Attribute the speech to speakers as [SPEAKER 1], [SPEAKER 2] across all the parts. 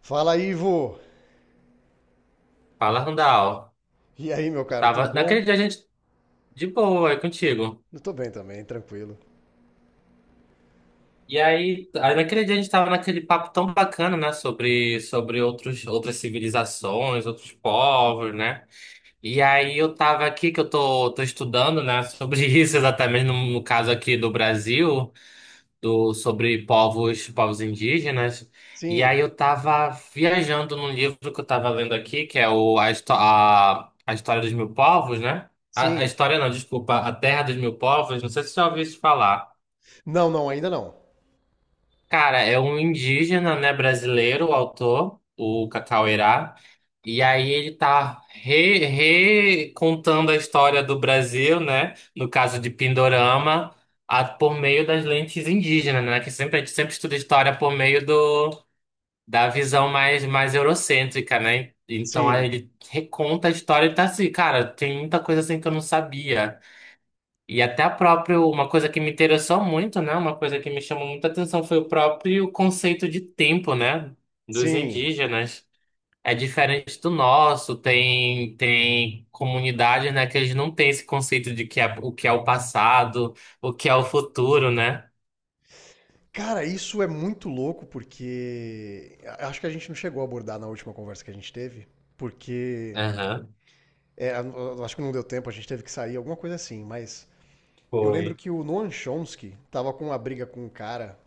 [SPEAKER 1] Fala, Ivo!
[SPEAKER 2] Fala, Randall.
[SPEAKER 1] E aí, meu
[SPEAKER 2] Eu
[SPEAKER 1] cara, tudo
[SPEAKER 2] tava...
[SPEAKER 1] bom?
[SPEAKER 2] Naquele dia a gente... De boa, é contigo.
[SPEAKER 1] Eu tô bem também, tranquilo.
[SPEAKER 2] E aí, naquele dia a gente tava naquele papo tão bacana, né? Sobre outros, outras civilizações, outros povos, né? E aí eu tava aqui, que eu tô estudando, né? Sobre isso exatamente, no caso aqui do Brasil. Do, sobre povos indígenas. E
[SPEAKER 1] Sim,
[SPEAKER 2] aí eu tava viajando num livro que eu tava lendo aqui, que é a, História dos Mil Povos, né? A
[SPEAKER 1] sim.
[SPEAKER 2] História não, desculpa, A Terra dos Mil Povos, não sei se você já ouviu isso falar.
[SPEAKER 1] Não, não, ainda não.
[SPEAKER 2] Cara, é um indígena, né, brasileiro, o autor, o Cacauerá. E aí ele recontando a história do Brasil, né, no caso de Pindorama, por meio das lentes indígenas, né, que sempre a gente sempre estuda história por meio do, da visão mais eurocêntrica, né? Então aí
[SPEAKER 1] Sim,
[SPEAKER 2] ele reconta a história e tá assim, cara, tem muita coisa assim que eu não sabia. E até a próprio, uma coisa que me interessou muito, né? Uma coisa que me chamou muita atenção foi o próprio conceito de tempo, né? Dos
[SPEAKER 1] sim.
[SPEAKER 2] indígenas. É diferente do nosso, tem comunidades, né, que eles não têm esse conceito de que é o passado, o que é o futuro, né?
[SPEAKER 1] Cara, isso é muito louco porque acho que a gente não chegou a abordar na última conversa que a gente teve, porque
[SPEAKER 2] Aham,
[SPEAKER 1] acho que não deu tempo, a gente teve que sair, alguma coisa assim, mas eu lembro
[SPEAKER 2] foi.
[SPEAKER 1] que o Noam Chomsky tava com uma briga com um cara,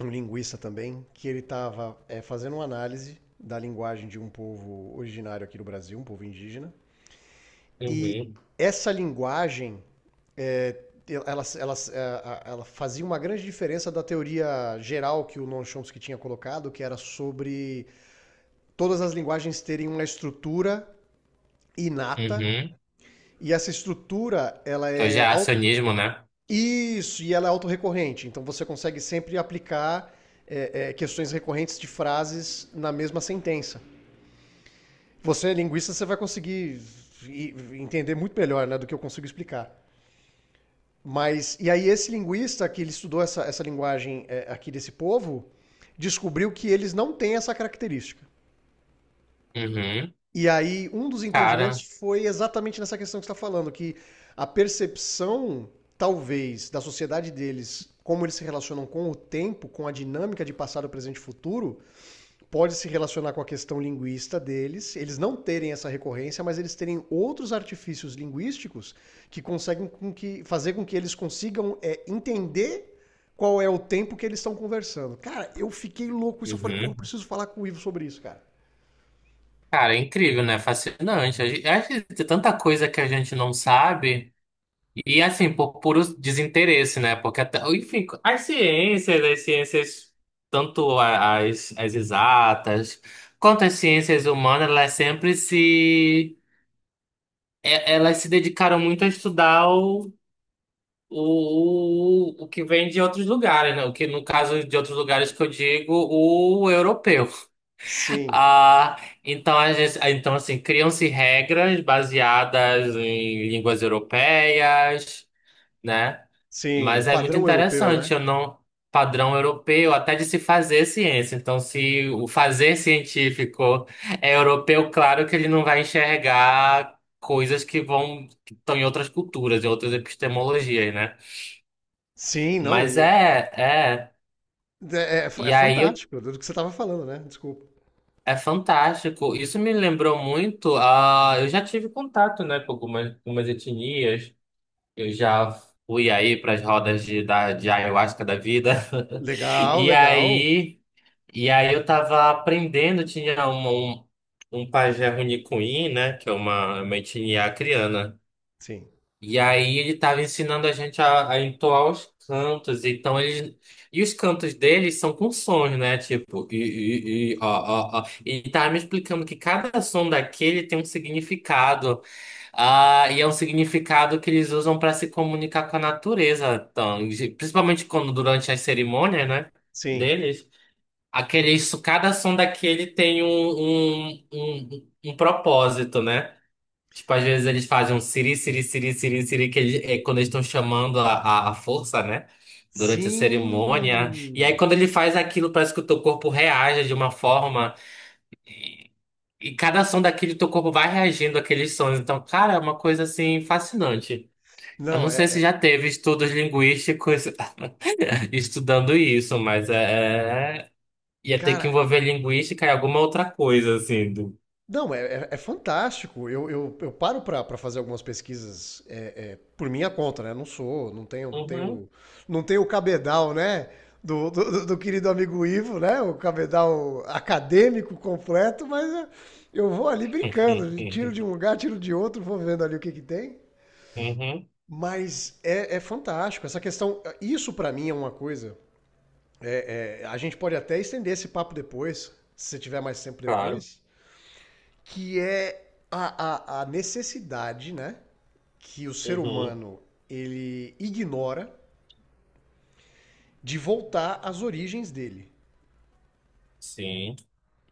[SPEAKER 1] um linguista também, que ele tava fazendo uma análise da linguagem de um povo originário aqui do Brasil, um povo indígena. E
[SPEAKER 2] Uhum.
[SPEAKER 1] essa linguagem, ela, ela, ela fazia uma grande diferença da teoria geral que o Noam Chomsky tinha colocado, que era sobre todas as linguagens terem uma estrutura inata,
[SPEAKER 2] Uhum.
[SPEAKER 1] e essa estrutura, ela
[SPEAKER 2] Que É o
[SPEAKER 1] é...
[SPEAKER 2] geracionismo, né?
[SPEAKER 1] Isso, e ela é autorrecorrente, então você consegue sempre aplicar questões recorrentes de frases na mesma sentença. Você é linguista, você vai conseguir entender muito melhor, né, do que eu consigo explicar. Mas, e aí esse linguista que ele estudou essa linguagem aqui desse povo, descobriu que eles não têm essa característica.
[SPEAKER 2] Uhum.
[SPEAKER 1] E aí um dos entendimentos
[SPEAKER 2] Cara.
[SPEAKER 1] foi exatamente nessa questão que você está falando, que a percepção, talvez, da sociedade deles, como eles se relacionam com o tempo, com a dinâmica de passado, presente e futuro, pode se relacionar com a questão linguista deles, eles não terem essa recorrência, mas eles terem outros artifícios linguísticos que conseguem com que, fazer com que eles consigam entender qual é o tempo que eles estão conversando. Cara, eu fiquei louco com isso. Eu falei, porra, eu
[SPEAKER 2] Uhum.
[SPEAKER 1] preciso falar com o Ivo sobre isso, cara.
[SPEAKER 2] Cara, é incrível, né? Fascinante. A gente- Acho que tem tanta coisa que a gente não sabe. E assim, por puro desinteresse, né? Porque até, enfim, as ciências, tanto as, as exatas, quanto as ciências humanas, elas sempre se. É- Elas se dedicaram muito a estudar o, o que vem de outros lugares, né? O que, no caso de outros lugares que eu digo, o europeu.
[SPEAKER 1] Sim,
[SPEAKER 2] Ah, então, a gente, então, assim, criam-se regras baseadas em línguas europeias. Né?
[SPEAKER 1] sim. O
[SPEAKER 2] Mas é muito
[SPEAKER 1] padrão europeu, né?
[SPEAKER 2] interessante, eu não padrão europeu até de se fazer ciência. Então, se o fazer científico é europeu, claro que ele não vai enxergar coisas que vão que estão em outras culturas, em outras epistemologias, né?
[SPEAKER 1] Sim, não.
[SPEAKER 2] Mas é.
[SPEAKER 1] É
[SPEAKER 2] E aí eu-
[SPEAKER 1] fantástico do que você estava falando, né? Desculpa.
[SPEAKER 2] é fantástico. Isso me lembrou muito. Ah, eu já tive contato, né, com algumas etnias. Eu já fui aí para as rodas de, de ayahuasca da vida.
[SPEAKER 1] Legal,
[SPEAKER 2] E
[SPEAKER 1] legal.
[SPEAKER 2] aí E aí eu tava aprendendo, tinha um um pajé Runicuí, né? Que é uma etnia acriana.
[SPEAKER 1] Sim,
[SPEAKER 2] E aí ele tava ensinando a gente a entoar os cantos. Então eles. E os cantos deles são com sons, né? Tipo, i, i, i, ó, ó, ó. E ele tava me explicando que cada som daquele tem um significado. Ah, e é um significado que eles usam para se comunicar com a natureza. Então, principalmente quando durante as cerimônias, né?
[SPEAKER 1] sim.
[SPEAKER 2] Deles. Aquele, isso, cada som daquele tem um propósito, né? Tipo, às vezes eles fazem um siri, siri, siri, siri, siri, que é quando eles estão chamando a força, né? Durante a cerimônia. E aí,
[SPEAKER 1] Sim.
[SPEAKER 2] quando ele faz aquilo, parece que o teu corpo reage de uma forma. E, e cada som daquele, teu corpo vai reagindo àqueles sons. Então, cara, é uma coisa, assim, fascinante. Eu não
[SPEAKER 1] Não,
[SPEAKER 2] sei
[SPEAKER 1] é,
[SPEAKER 2] se
[SPEAKER 1] é-
[SPEAKER 2] já teve estudos linguísticos estudando isso, mas é, Ia ter que
[SPEAKER 1] Cara,
[SPEAKER 2] envolver linguística e alguma outra coisa, assim. Do...
[SPEAKER 1] não, é fantástico. Eu paro para fazer algumas pesquisas por minha conta, né? Não sou,
[SPEAKER 2] Uhum.
[SPEAKER 1] não tenho o cabedal, né? Do querido amigo Ivo, né? O cabedal acadêmico completo, mas é, eu vou ali brincando, tiro de um lugar, tiro de outro, vou vendo ali o que que tem.
[SPEAKER 2] Uhum,
[SPEAKER 1] Mas é, é fantástico. Essa questão, isso para mim é uma coisa. É, a gente pode até estender esse papo depois, se você tiver mais tempo
[SPEAKER 2] claro.
[SPEAKER 1] depois. Que é a necessidade, né, que o ser
[SPEAKER 2] Uhum,
[SPEAKER 1] humano ele ignora de voltar às origens dele.
[SPEAKER 2] sim.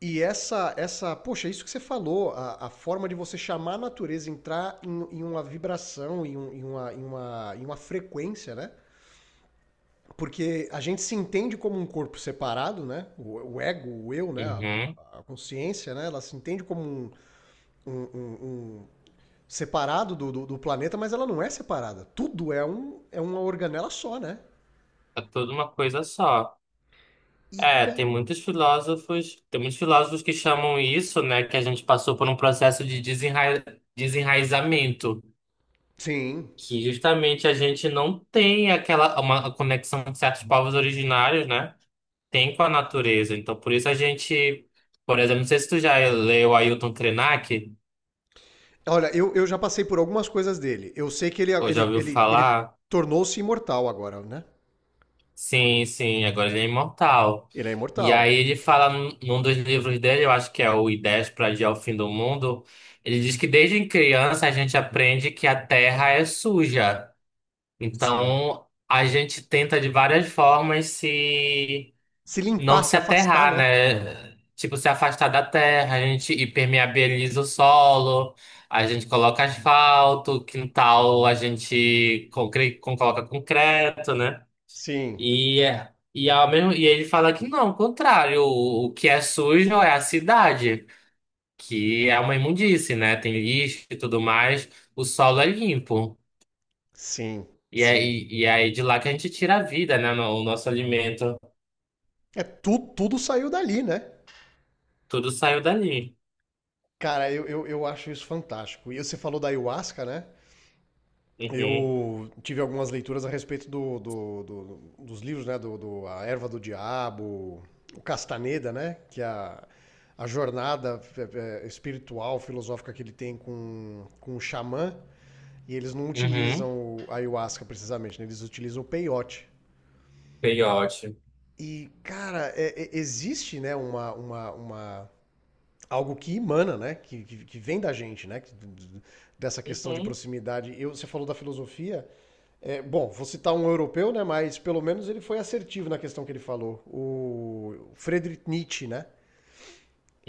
[SPEAKER 1] E poxa, isso que você falou, a forma de você chamar a natureza, entrar em, em uma vibração, em uma frequência, né? Porque a gente se entende como um corpo separado, né? O ego, o eu, né?
[SPEAKER 2] Uhum.
[SPEAKER 1] Consciência, né? Ela se entende como um, um, um separado do planeta, mas ela não é separada. Tudo é, um, é uma organela só, né?
[SPEAKER 2] É tudo uma coisa só. É,
[SPEAKER 1] Ica.
[SPEAKER 2] tem muitos filósofos que chamam isso, né, que a gente passou por um processo de desenraizamento,
[SPEAKER 1] Sim.
[SPEAKER 2] que justamente a gente não tem aquela uma conexão que certos povos originários, né, tem com a natureza. Então, por isso a gente, por exemplo, não sei se tu já leu Ailton Krenak,
[SPEAKER 1] Olha, eu já passei por algumas coisas dele. Eu sei que
[SPEAKER 2] Ou já ouviu
[SPEAKER 1] ele
[SPEAKER 2] falar?
[SPEAKER 1] tornou-se imortal agora, né?
[SPEAKER 2] Sim, sim, agora ele é imortal.
[SPEAKER 1] Ele é
[SPEAKER 2] E
[SPEAKER 1] imortal.
[SPEAKER 2] aí ele fala num dos livros dele, eu acho que é o Ideias para Adiar o Fim do Mundo, ele diz que desde criança a gente aprende que a Terra é suja.
[SPEAKER 1] Sim.
[SPEAKER 2] Então a gente tenta de várias formas se
[SPEAKER 1] Se
[SPEAKER 2] não
[SPEAKER 1] limpar,
[SPEAKER 2] se
[SPEAKER 1] se afastar,
[SPEAKER 2] aterrar,
[SPEAKER 1] né?
[SPEAKER 2] né? Tipo, se afastar da terra, a gente impermeabiliza o solo, a gente coloca asfalto, quintal, a gente coloca concreto, né?
[SPEAKER 1] Sim,
[SPEAKER 2] E, ao mesmo, e ele fala que não, o contrário, o que é sujo é a cidade, que é uma imundície, né? Tem lixo e tudo mais, o solo é limpo.
[SPEAKER 1] sim,
[SPEAKER 2] E
[SPEAKER 1] sim.
[SPEAKER 2] aí, e aí de lá que a gente tira a vida, né? O nosso alimento,
[SPEAKER 1] É, tu, tudo saiu dali, né?
[SPEAKER 2] tudo saiu dali.
[SPEAKER 1] Cara, eu acho isso fantástico. E você falou da ayahuasca, né?
[SPEAKER 2] Uhum,
[SPEAKER 1] Eu tive algumas leituras a respeito dos livros, né? A Erva do Diabo, o Castaneda, né? Que é a jornada espiritual, filosófica que ele tem com o xamã. E eles não utilizam
[SPEAKER 2] uhum.
[SPEAKER 1] o ayahuasca precisamente, né? Eles utilizam o peiote.
[SPEAKER 2] Peiote.
[SPEAKER 1] E, cara, existe, né, uma algo que emana, né, que vem da gente, né, que dessa questão de
[SPEAKER 2] Uhum,
[SPEAKER 1] proximidade. Eu, você falou da filosofia. É, bom, vou citar um europeu, né? Mas pelo menos ele foi assertivo na questão que ele falou. O Friedrich Nietzsche, né?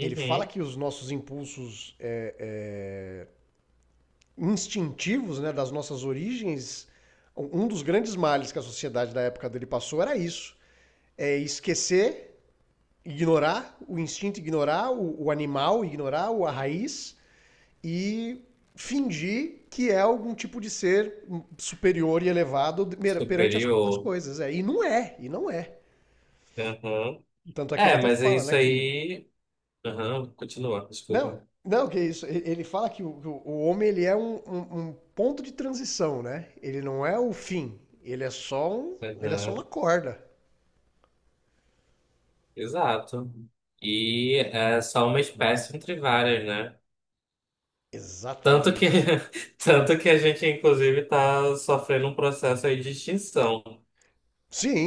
[SPEAKER 1] Ele fala que os nossos impulsos instintivos, né, das nossas origens, um dos grandes males que a sociedade da época dele passou era isso: é esquecer, ignorar o instinto, ignorar o animal, ignorar a raiz e fingir que é algum tipo de ser superior e elevado perante as
[SPEAKER 2] Superior.
[SPEAKER 1] coisas. É. E não é, e não é.
[SPEAKER 2] Uhum.
[SPEAKER 1] Tanto é que ele
[SPEAKER 2] É,
[SPEAKER 1] até
[SPEAKER 2] mas é
[SPEAKER 1] fala, né,
[SPEAKER 2] isso
[SPEAKER 1] que...
[SPEAKER 2] aí. Aham, continua,
[SPEAKER 1] Não,
[SPEAKER 2] desculpa.
[SPEAKER 1] não, que é isso. Ele fala que que o homem ele é um ponto de transição, né? Ele não é o fim. Ele é só uma
[SPEAKER 2] Aham.
[SPEAKER 1] corda.
[SPEAKER 2] Exato. E é só uma espécie entre várias, né? Tanto que,
[SPEAKER 1] Exatamente.
[SPEAKER 2] tanto que a gente, inclusive, tá sofrendo um processo aí de extinção,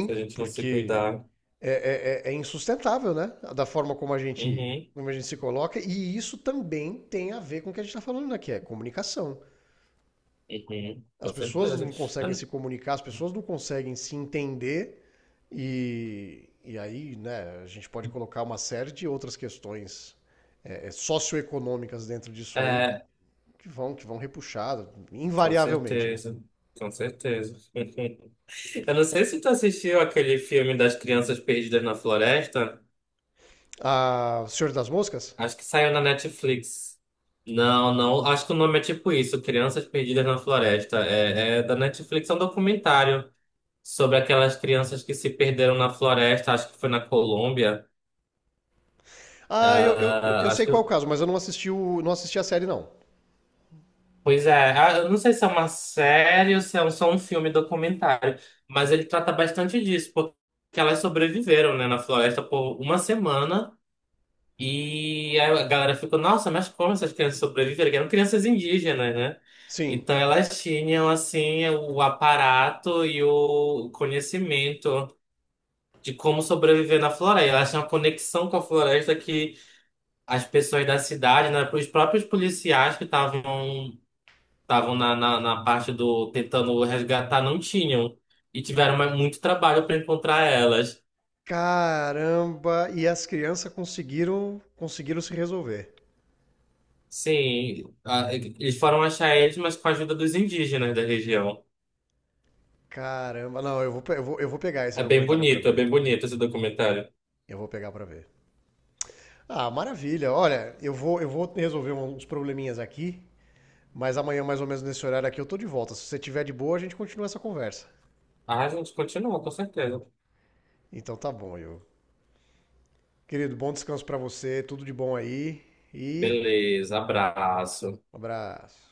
[SPEAKER 2] se a gente não se
[SPEAKER 1] porque
[SPEAKER 2] cuidar.
[SPEAKER 1] é insustentável, né? Da forma
[SPEAKER 2] Uhum,
[SPEAKER 1] como a gente se coloca, e isso também tem a ver com o que a gente está falando, né? Que é comunicação.
[SPEAKER 2] uhum,
[SPEAKER 1] As
[SPEAKER 2] com
[SPEAKER 1] pessoas
[SPEAKER 2] certeza.
[SPEAKER 1] não conseguem se comunicar, as pessoas não conseguem se entender, e aí, né, a gente pode colocar uma série de outras questões socioeconômicas dentro disso aí
[SPEAKER 2] É,
[SPEAKER 1] que vão repuxar,
[SPEAKER 2] com
[SPEAKER 1] invariavelmente, né?
[SPEAKER 2] certeza, com certeza. Eu não sei se tu assistiu aquele filme das crianças perdidas na floresta.
[SPEAKER 1] Ah, Senhor das Moscas?
[SPEAKER 2] Acho que saiu na Netflix. Não, não. Acho que o nome é tipo isso, Crianças Perdidas na Floresta. É, é da Netflix, é um documentário sobre aquelas crianças que se perderam na floresta. Acho que foi na Colômbia.
[SPEAKER 1] Ah, eu
[SPEAKER 2] Ah, acho
[SPEAKER 1] sei
[SPEAKER 2] que.
[SPEAKER 1] qual é o caso, mas eu não assisti não assisti a série, não.
[SPEAKER 2] Pois é. Ah, eu não sei se é uma série ou se é só um filme documentário, mas ele trata bastante disso, porque elas sobreviveram, né, na floresta por uma semana. E aí a galera ficou, nossa, mas como essas crianças sobreviveram? Que eram crianças indígenas, né?
[SPEAKER 1] Sim.
[SPEAKER 2] Então elas tinham, assim, o aparato e o conhecimento de como sobreviver na floresta. Elas tinham uma conexão com a floresta que as pessoas da cidade, né? Os próprios policiais que estavam estavam na parte do tentando resgatar não tinham. E tiveram muito trabalho para encontrar elas.
[SPEAKER 1] Caramba! E as crianças conseguiram, conseguiram se resolver.
[SPEAKER 2] Sim, eles foram achar eles, mas com a ajuda dos indígenas da região.
[SPEAKER 1] Caramba! Não, eu vou pegar esse documentário pra
[SPEAKER 2] É
[SPEAKER 1] ver.
[SPEAKER 2] bem bonito esse documentário.
[SPEAKER 1] Eu vou pegar pra ver. Ah, maravilha! Olha, eu vou resolver um, uns probleminhas aqui, mas amanhã, mais ou menos nesse horário aqui, eu tô de volta. Se você tiver de boa, a gente continua essa conversa.
[SPEAKER 2] Ah, a gente continua, com certeza.
[SPEAKER 1] Então tá bom, eu. Querido, bom descanso pra você, tudo de bom aí e
[SPEAKER 2] Beleza, abraço.
[SPEAKER 1] um abraço.